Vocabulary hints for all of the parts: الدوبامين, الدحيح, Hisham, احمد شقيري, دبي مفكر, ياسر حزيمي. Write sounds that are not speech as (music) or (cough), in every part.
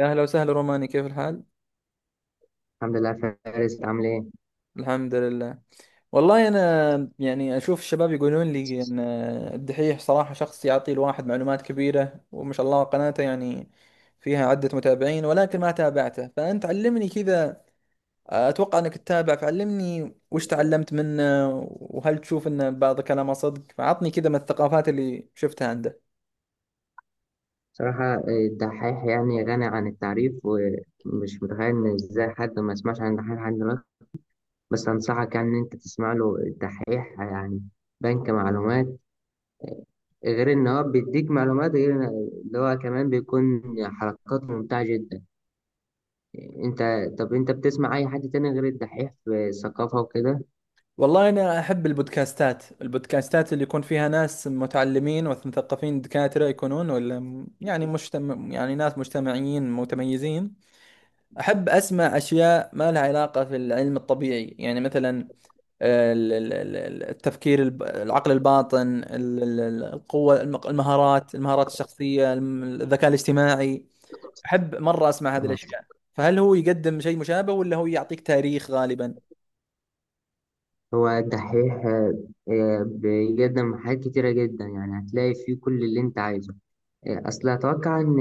يا أهلا وسهلا روماني، كيف الحال؟ الحمد لله. فارس عامل ايه؟ الحمد لله. والله أنا يعني أشوف الشباب يقولون لي أن الدحيح صراحة شخص يعطي الواحد معلومات كبيرة، وما شاء الله قناته يعني فيها عدة متابعين، ولكن ما تابعته فأنت علمني كذا. أتوقع أنك تتابع فعلمني وش تعلمت منه، وهل تشوف أن بعض كلامه صدق؟ فعطني كذا من الثقافات اللي شفتها عنده. بصراحة الدحيح يعني غني عن التعريف، ومش متخيل ان ازاي حد ما يسمعش عن الدحيح لحد دلوقتي. بس انصحك يعني ان انت تسمع له الدحيح، يعني بنك معلومات. غير ان هو بيديك معلومات، غير إن- اللي هو كمان بيكون حركات ممتعة جدا. انت، طب انت بتسمع اي حد تاني غير الدحيح في الثقافة وكده؟ والله أنا أحب البودكاستات، اللي يكون فيها ناس متعلمين ومثقفين، دكاترة يكونون ولا يعني مجتمع، يعني ناس مجتمعيين متميزين. أحب أسمع أشياء ما لها علاقة في العلم الطبيعي، يعني مثلا التفكير العقل الباطن، القوة، المهارات الشخصية، الذكاء الاجتماعي. أحب مرة أسمع هذه آه. الأشياء. فهل هو يقدم شيء مشابه ولا هو يعطيك تاريخ غالبا؟ هو الدحيح بيقدم حاجات كتيرة جدا، يعني هتلاقي فيه كل اللي انت عايزه. اصل اتوقع ان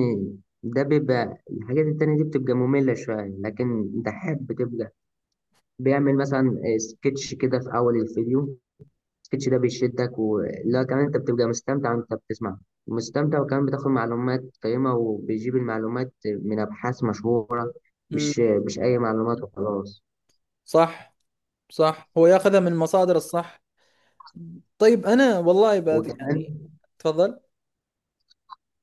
ده بيبقى، الحاجات التانية دي بتبقى مملة شوية، لكن ده حب بتبقى. بيعمل مثلا سكتش كده في اول الفيديو، السكتش ده بيشدك، ولا كمان انت بتبقى مستمتع وانت بتسمع، مستمتع، وكمان بتاخد معلومات قيمة، وبيجيب المعلومات من ابحاث مشهورة، مش امم مش اي معلومات وخلاص. صح. صح، هو ياخذها من المصادر الصح. طيب انا والله بات وكمان، يعني. تفضل.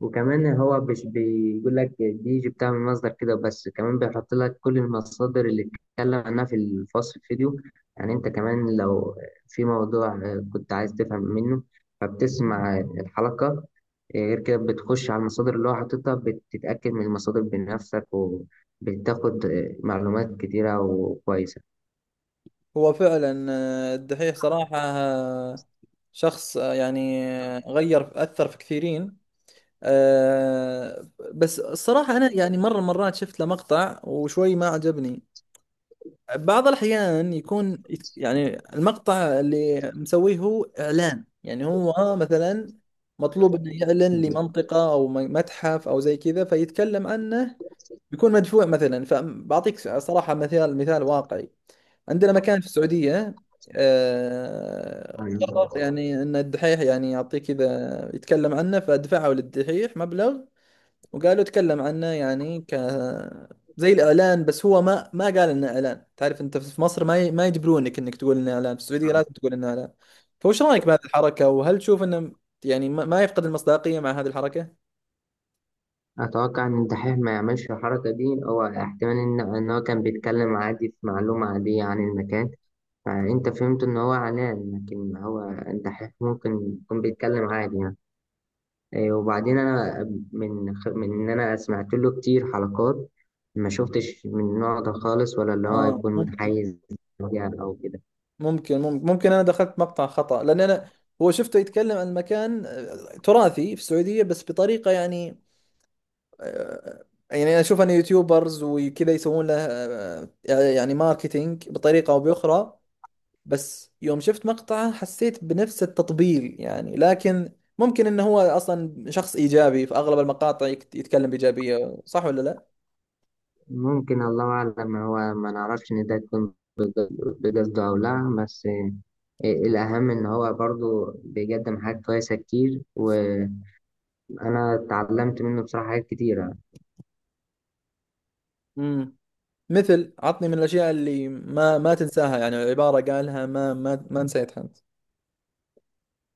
هو مش بيقول لك دي بتعمل مصدر كده بس، كمان بيحط لك كل المصادر اللي اتكلم عنها في الفصل الفيديو. يعني انت كمان لو في موضوع كنت عايز تفهم منه، فبتسمع الحلقة، غير كده بتخش على المصادر اللي هو حاططها، بتتأكد من المصادر بنفسك، وبتاخد معلومات كتيرة وكويسة. هو فعلا الدحيح صراحة شخص غير اثر في كثيرين. آه، بس الصراحة انا يعني مرة مرات شفت له مقطع وشوي ما عجبني. بعض الاحيان يكون يعني المقطع اللي مسويه هو اعلان، يعني هو مثلا مطلوب انه يعلن لمنطقة او متحف او زي كذا فيتكلم عنه، بيكون مدفوع مثلا. فبعطيك صراحة مثال، مثال واقعي: عندنا مكان في السعودية قرر يعني ان الدحيح يعني يعطيه كذا يتكلم عنه، فدفعوا للدحيح مبلغ وقالوا تكلم عنه، يعني ك زي الاعلان، بس هو ما قال انه اعلان. تعرف انت في مصر ما يجبرونك انك تقول انه اعلان، في السعودية لازم تقول انه اعلان. فوش رايك بهذه الحركة، وهل تشوف انه يعني ما يفقد المصداقية مع هذه الحركة؟ أتوقع إن الدحيح ما يعملش الحركة دي، هو احتمال إن هو كان بيتكلم عادي في معلومة عادية عن المكان، فأنت فهمت إن هو علان، لكن هو أنت ممكن يكون بيتكلم عادي يعني. وبعدين أنا من إن أنا سمعت له كتير حلقات، ما شفتش من النوع ده خالص، ولا اللي هو اه يكون ممكن. متحيز ليها أو كده. ممكن، ممكن، ممكن، انا دخلت مقطع خطأ لان انا هو شفته يتكلم عن مكان تراثي في السعودية، بس بطريقة يعني يعني انا اشوف ان يوتيوبرز وكذا يسوون له، يعني ماركتينج بطريقة او باخرى. بس يوم شفت مقطعه حسيت بنفس التطبيل يعني، لكن ممكن انه هو اصلا شخص ايجابي في اغلب المقاطع، يتكلم بايجابية، صح ولا لا؟ ممكن، الله أعلم، هو ما نعرفش إن ده يكون بقصده أو لا، بس الأهم إن هو برضو بيقدم حاجات كويسة كتير، وأنا اتعلمت منه بصراحة حاجات كتيرة. امم مثل، عطني من الاشياء اللي ما تنساها، يعني عبارة قالها ما نسيتها انت.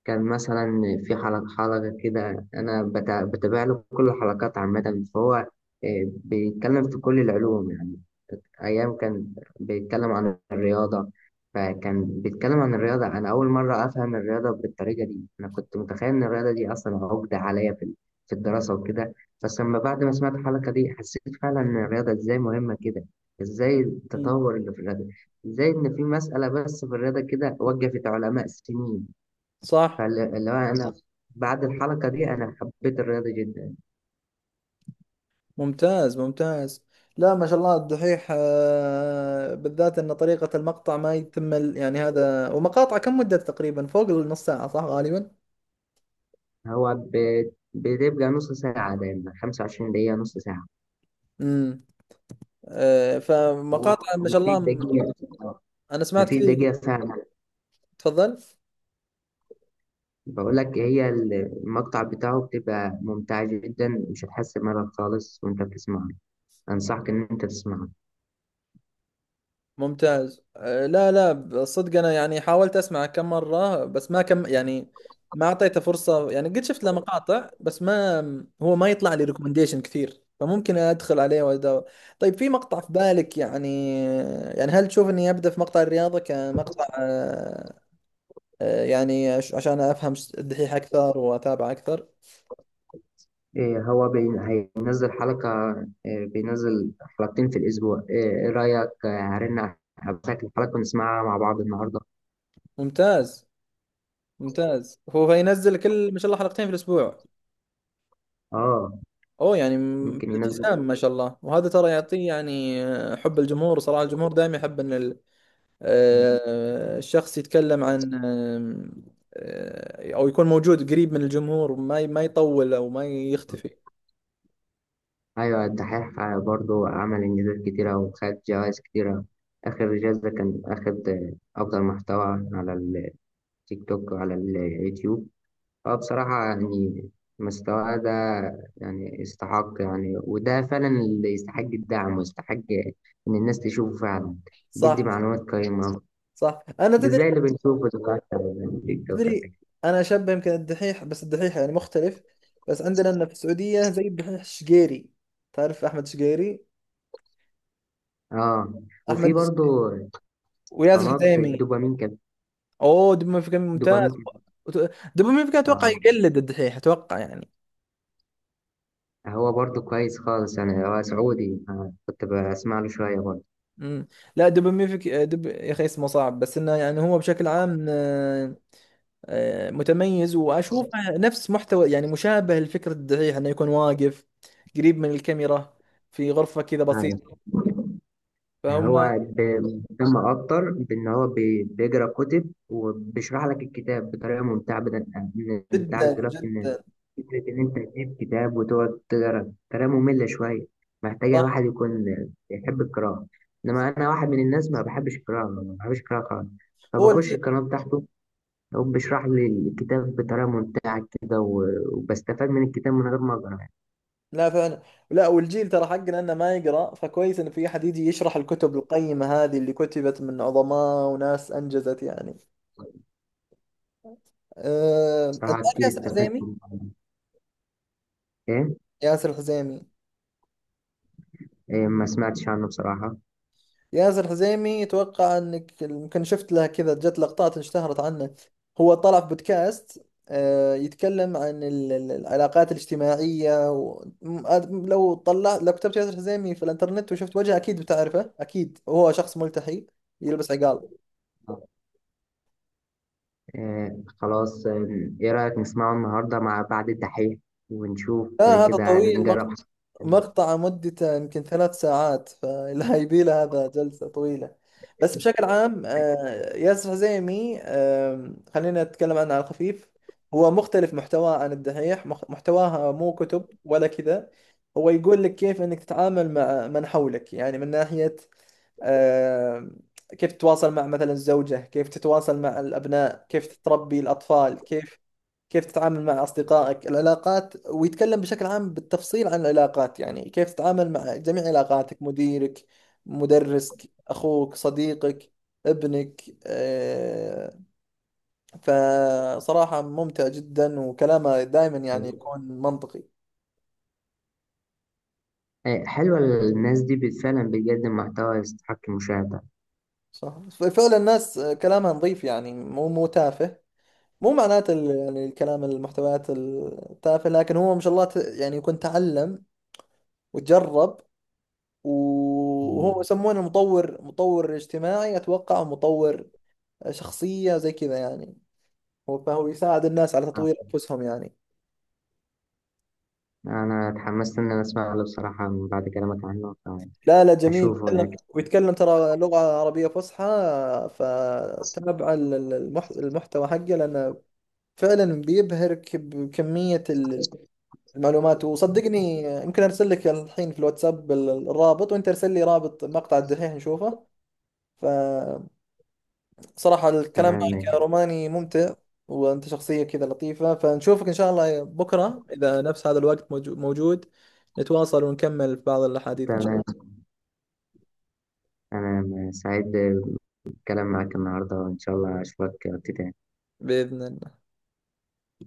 كان مثلا في حلقة كده، أنا بتابع له كل الحلقات عامة، فهو بيتكلم في كل العلوم يعني. أيام كان بيتكلم عن الرياضة، فكان بيتكلم عن الرياضة. أنا أول مرة أفهم الرياضة بالطريقة دي، أنا كنت متخيل إن الرياضة دي أصلا عقدة عليا في في الدراسة وكده، بس لما بعد ما سمعت الحلقة دي حسيت فعلا إن الرياضة إزاي مهمة كده، إزاي التطور اللي في الرياضة، إزاي إن في مسألة بس في الرياضة كده وقفت علماء سنين. صح. فاللي هو أنا بعد الحلقة دي أنا حبيت الرياضة جدا. ممتاز، ممتاز. لا ما شاء الله الدحيح بالذات ان طريقة المقطع ما يتم يعني هذا، ومقاطع كم مدة تقريبا؟ فوق النص ساعة صح غالبا. هو بتبقى نص ساعة دايما، 25 دقيقة نص ساعة، امم هو فمقاطع ما شاء مفيش الله دقيقة، انا سمعت مفيش كثير. دقيقة فعلا. تفضل. بقول لك هي المقطع بتاعه بتبقى ممتعة جدا، مش هتحس بملل خالص وأنت بتسمعه. أنصحك إن أنت تسمعه. ممتاز. لا لا، صدق انا يعني حاولت اسمع كم مره بس ما كم يعني، ما اعطيته فرصه يعني، قد شفت له مقاطع بس ما هو ما يطلع لي ريكومنديشن كثير، فممكن ادخل عليه وادور. طيب في مقطع في بالك يعني، يعني هل تشوف اني ابدا في مقطع الرياضه كمقطع يعني عشان افهم الدحيح اكثر واتابع اكثر؟ إيه هو بي... هينزل حلقة، إيه، بينزل حلقتين في الأسبوع. إيه، إيه رأيك هرن عليك الحلقة ونسمعها مع بعض النهاردة؟ ممتاز، ممتاز. هو ينزل كل ما شاء الله حلقتين في الاسبوع؟ آه، اوه، يعني ممكن ينزل. التزام ما شاء الله. وهذا ترى يعطيه يعني حب الجمهور، صراحة الجمهور دائما يحب ان الشخص يتكلم عن او يكون موجود قريب من الجمهور، ما يطول او ما يختفي. أيوة، الدحيح برضو عمل إنجازات كتيرة وخد جوائز كتيرة. آخر جايزة كان أخد أفضل محتوى على التيك توك وعلى اليوتيوب. هو بصراحة يعني مستواه ده، يعني استحق يعني، وده فعلا اللي يستحق الدعم، ويستحق إن الناس تشوفه فعلا. بيدي صح. معلومات قيمة، صح. انا مش تدري، زي اللي بنشوفه دلوقتي على التيك توك. تدري انا شبه يمكن الدحيح، بس الدحيح يعني مختلف، بس عندنا لنا في السعودية زي الدحيح الشقيري. تعرف احمد شقيري؟ اه، وفي احمد برضو وياسر قناة حزيمي. الدوبامين كانت، اوه، دبي مفكر ممتاز. دوبامين دبي مفكر اتوقع كانت- يقلد الدحيح، اتوقع يعني. هو برضه كويس خالص يعني، هو سعودي، كنت بسمع له شوية برضه. امم لا، دبوميفيك دب يا اخي اسمه صعب، بس انه يعني هو بشكل عام متميز، واشوفه نفس محتوى، يعني مشابه لفكرة الدحيح، انه يكون واقف قريب من الكاميرا، في غرفة كذا بسيطة. أيوة، فهم. هو بيهتم أكتر بإن هو بيقرأ كتب وبيشرح لك الكتاب بطريقة ممتعة، أنت عارف جدا دلوقتي إن جدا. فكرة إن أنت تجيب كتاب وتقعد تقرأ طريقة مملة شوية، محتاجة صح. الواحد يكون بيحب القراءة. إنما أنا واحد من الناس ما بحبش القراءة خالص، هو فبخش الجيل، القناة بتاعته، هو بيشرح لي الكتاب بطريقة ممتعة كده، وبستفاد من الكتاب من غير ما أقرأ. لا فعلا لا، والجيل ترى حقنا انه ما يقرا، فكويس ان في احد يجي يشرح الكتب القيمة هذه اللي كتبت من عظماء وناس انجزت يعني. انت بصراحة عارف كتير ياسر استفدت من الحزيمي؟ الموضوع ده. إيه؟ ياسر الحزيمي. إيه، ما سمعتش عنه بصراحة. ياسر حزيمي، اتوقع انك يمكن شفت له كذا، جت لقطات اشتهرت عنه. هو طلع في بودكاست يتكلم عن العلاقات الاجتماعية لو طلع، لو كتبت ياسر حزيمي في الانترنت وشفت وجهه اكيد بتعرفه، اكيد هو شخص ملتحي يلبس عقال. إيه، خلاص، إيه إيه رأيك نسمعه النهاردة مع بعد الدحيح ونشوف؟ لا هذا كده طويل، نجرب. مقطع مدته يمكن ثلاث ساعات فلا يبيله (laughs) هذا جلسة طويلة. بس بشكل عام ياسر حزيمي، خلينا نتكلم عنه على الخفيف. هو مختلف محتواه عن الدحيح، محتواها مو كتب ولا كذا، هو يقول لك كيف انك تتعامل مع من حولك، يعني من ناحية آم، كيف تتواصل مع مثلا الزوجة، كيف تتواصل مع الأبناء، كيف تربي الأطفال، كيف كيف تتعامل مع أصدقائك. العلاقات، ويتكلم بشكل عام بالتفصيل عن العلاقات، يعني كيف تتعامل مع جميع علاقاتك: مديرك، مدرسك، أخوك، صديقك، ابنك فصراحة ممتع جدا، وكلامه دائما يعني يكون منطقي. إيه، حلوة الناس دي فعلا بتقدم محتوى يستحق المشاهدة. صح فعلا، الناس كلامها نظيف، يعني مو مو تافه، مو معناته يعني الكلام المحتويات التافهة، لكن هو ما شاء الله يعني يكون تعلم وتجرب. وهو مم. يسمونه مطور، مطور اجتماعي اتوقع، أو مطور شخصية زي كذا يعني، هو فهو يساعد الناس على آه، تطوير انفسهم يعني. أنا اتحمست إن أنا أسمع له بصراحة من بعد كلامك عنه، لا لا، جميل، فأشوفه يتكلم أكيد. ويتكلم ترى لغة عربية فصحى، فتابع المحتوى حقه، لأنه فعلا بيبهرك بكمية المعلومات. وصدقني يمكن ارسل لك الحين في الواتساب الرابط، وانت ارسل لي رابط مقطع الدحيح نشوفه. ف صراحة الكلام تمام، معك يا ماشي. روماني ممتع، وأنت شخصية كذا لطيفة، فنشوفك إن شاء الله بكرة إذا نفس هذا الوقت موجود، نتواصل ونكمل في بعض الأحاديث. إن شاء تمام، أنا سعيد بالكلام معاك النهاردة، وإن شاء الله أشوفك وقت تاني. الله، بإذن الله.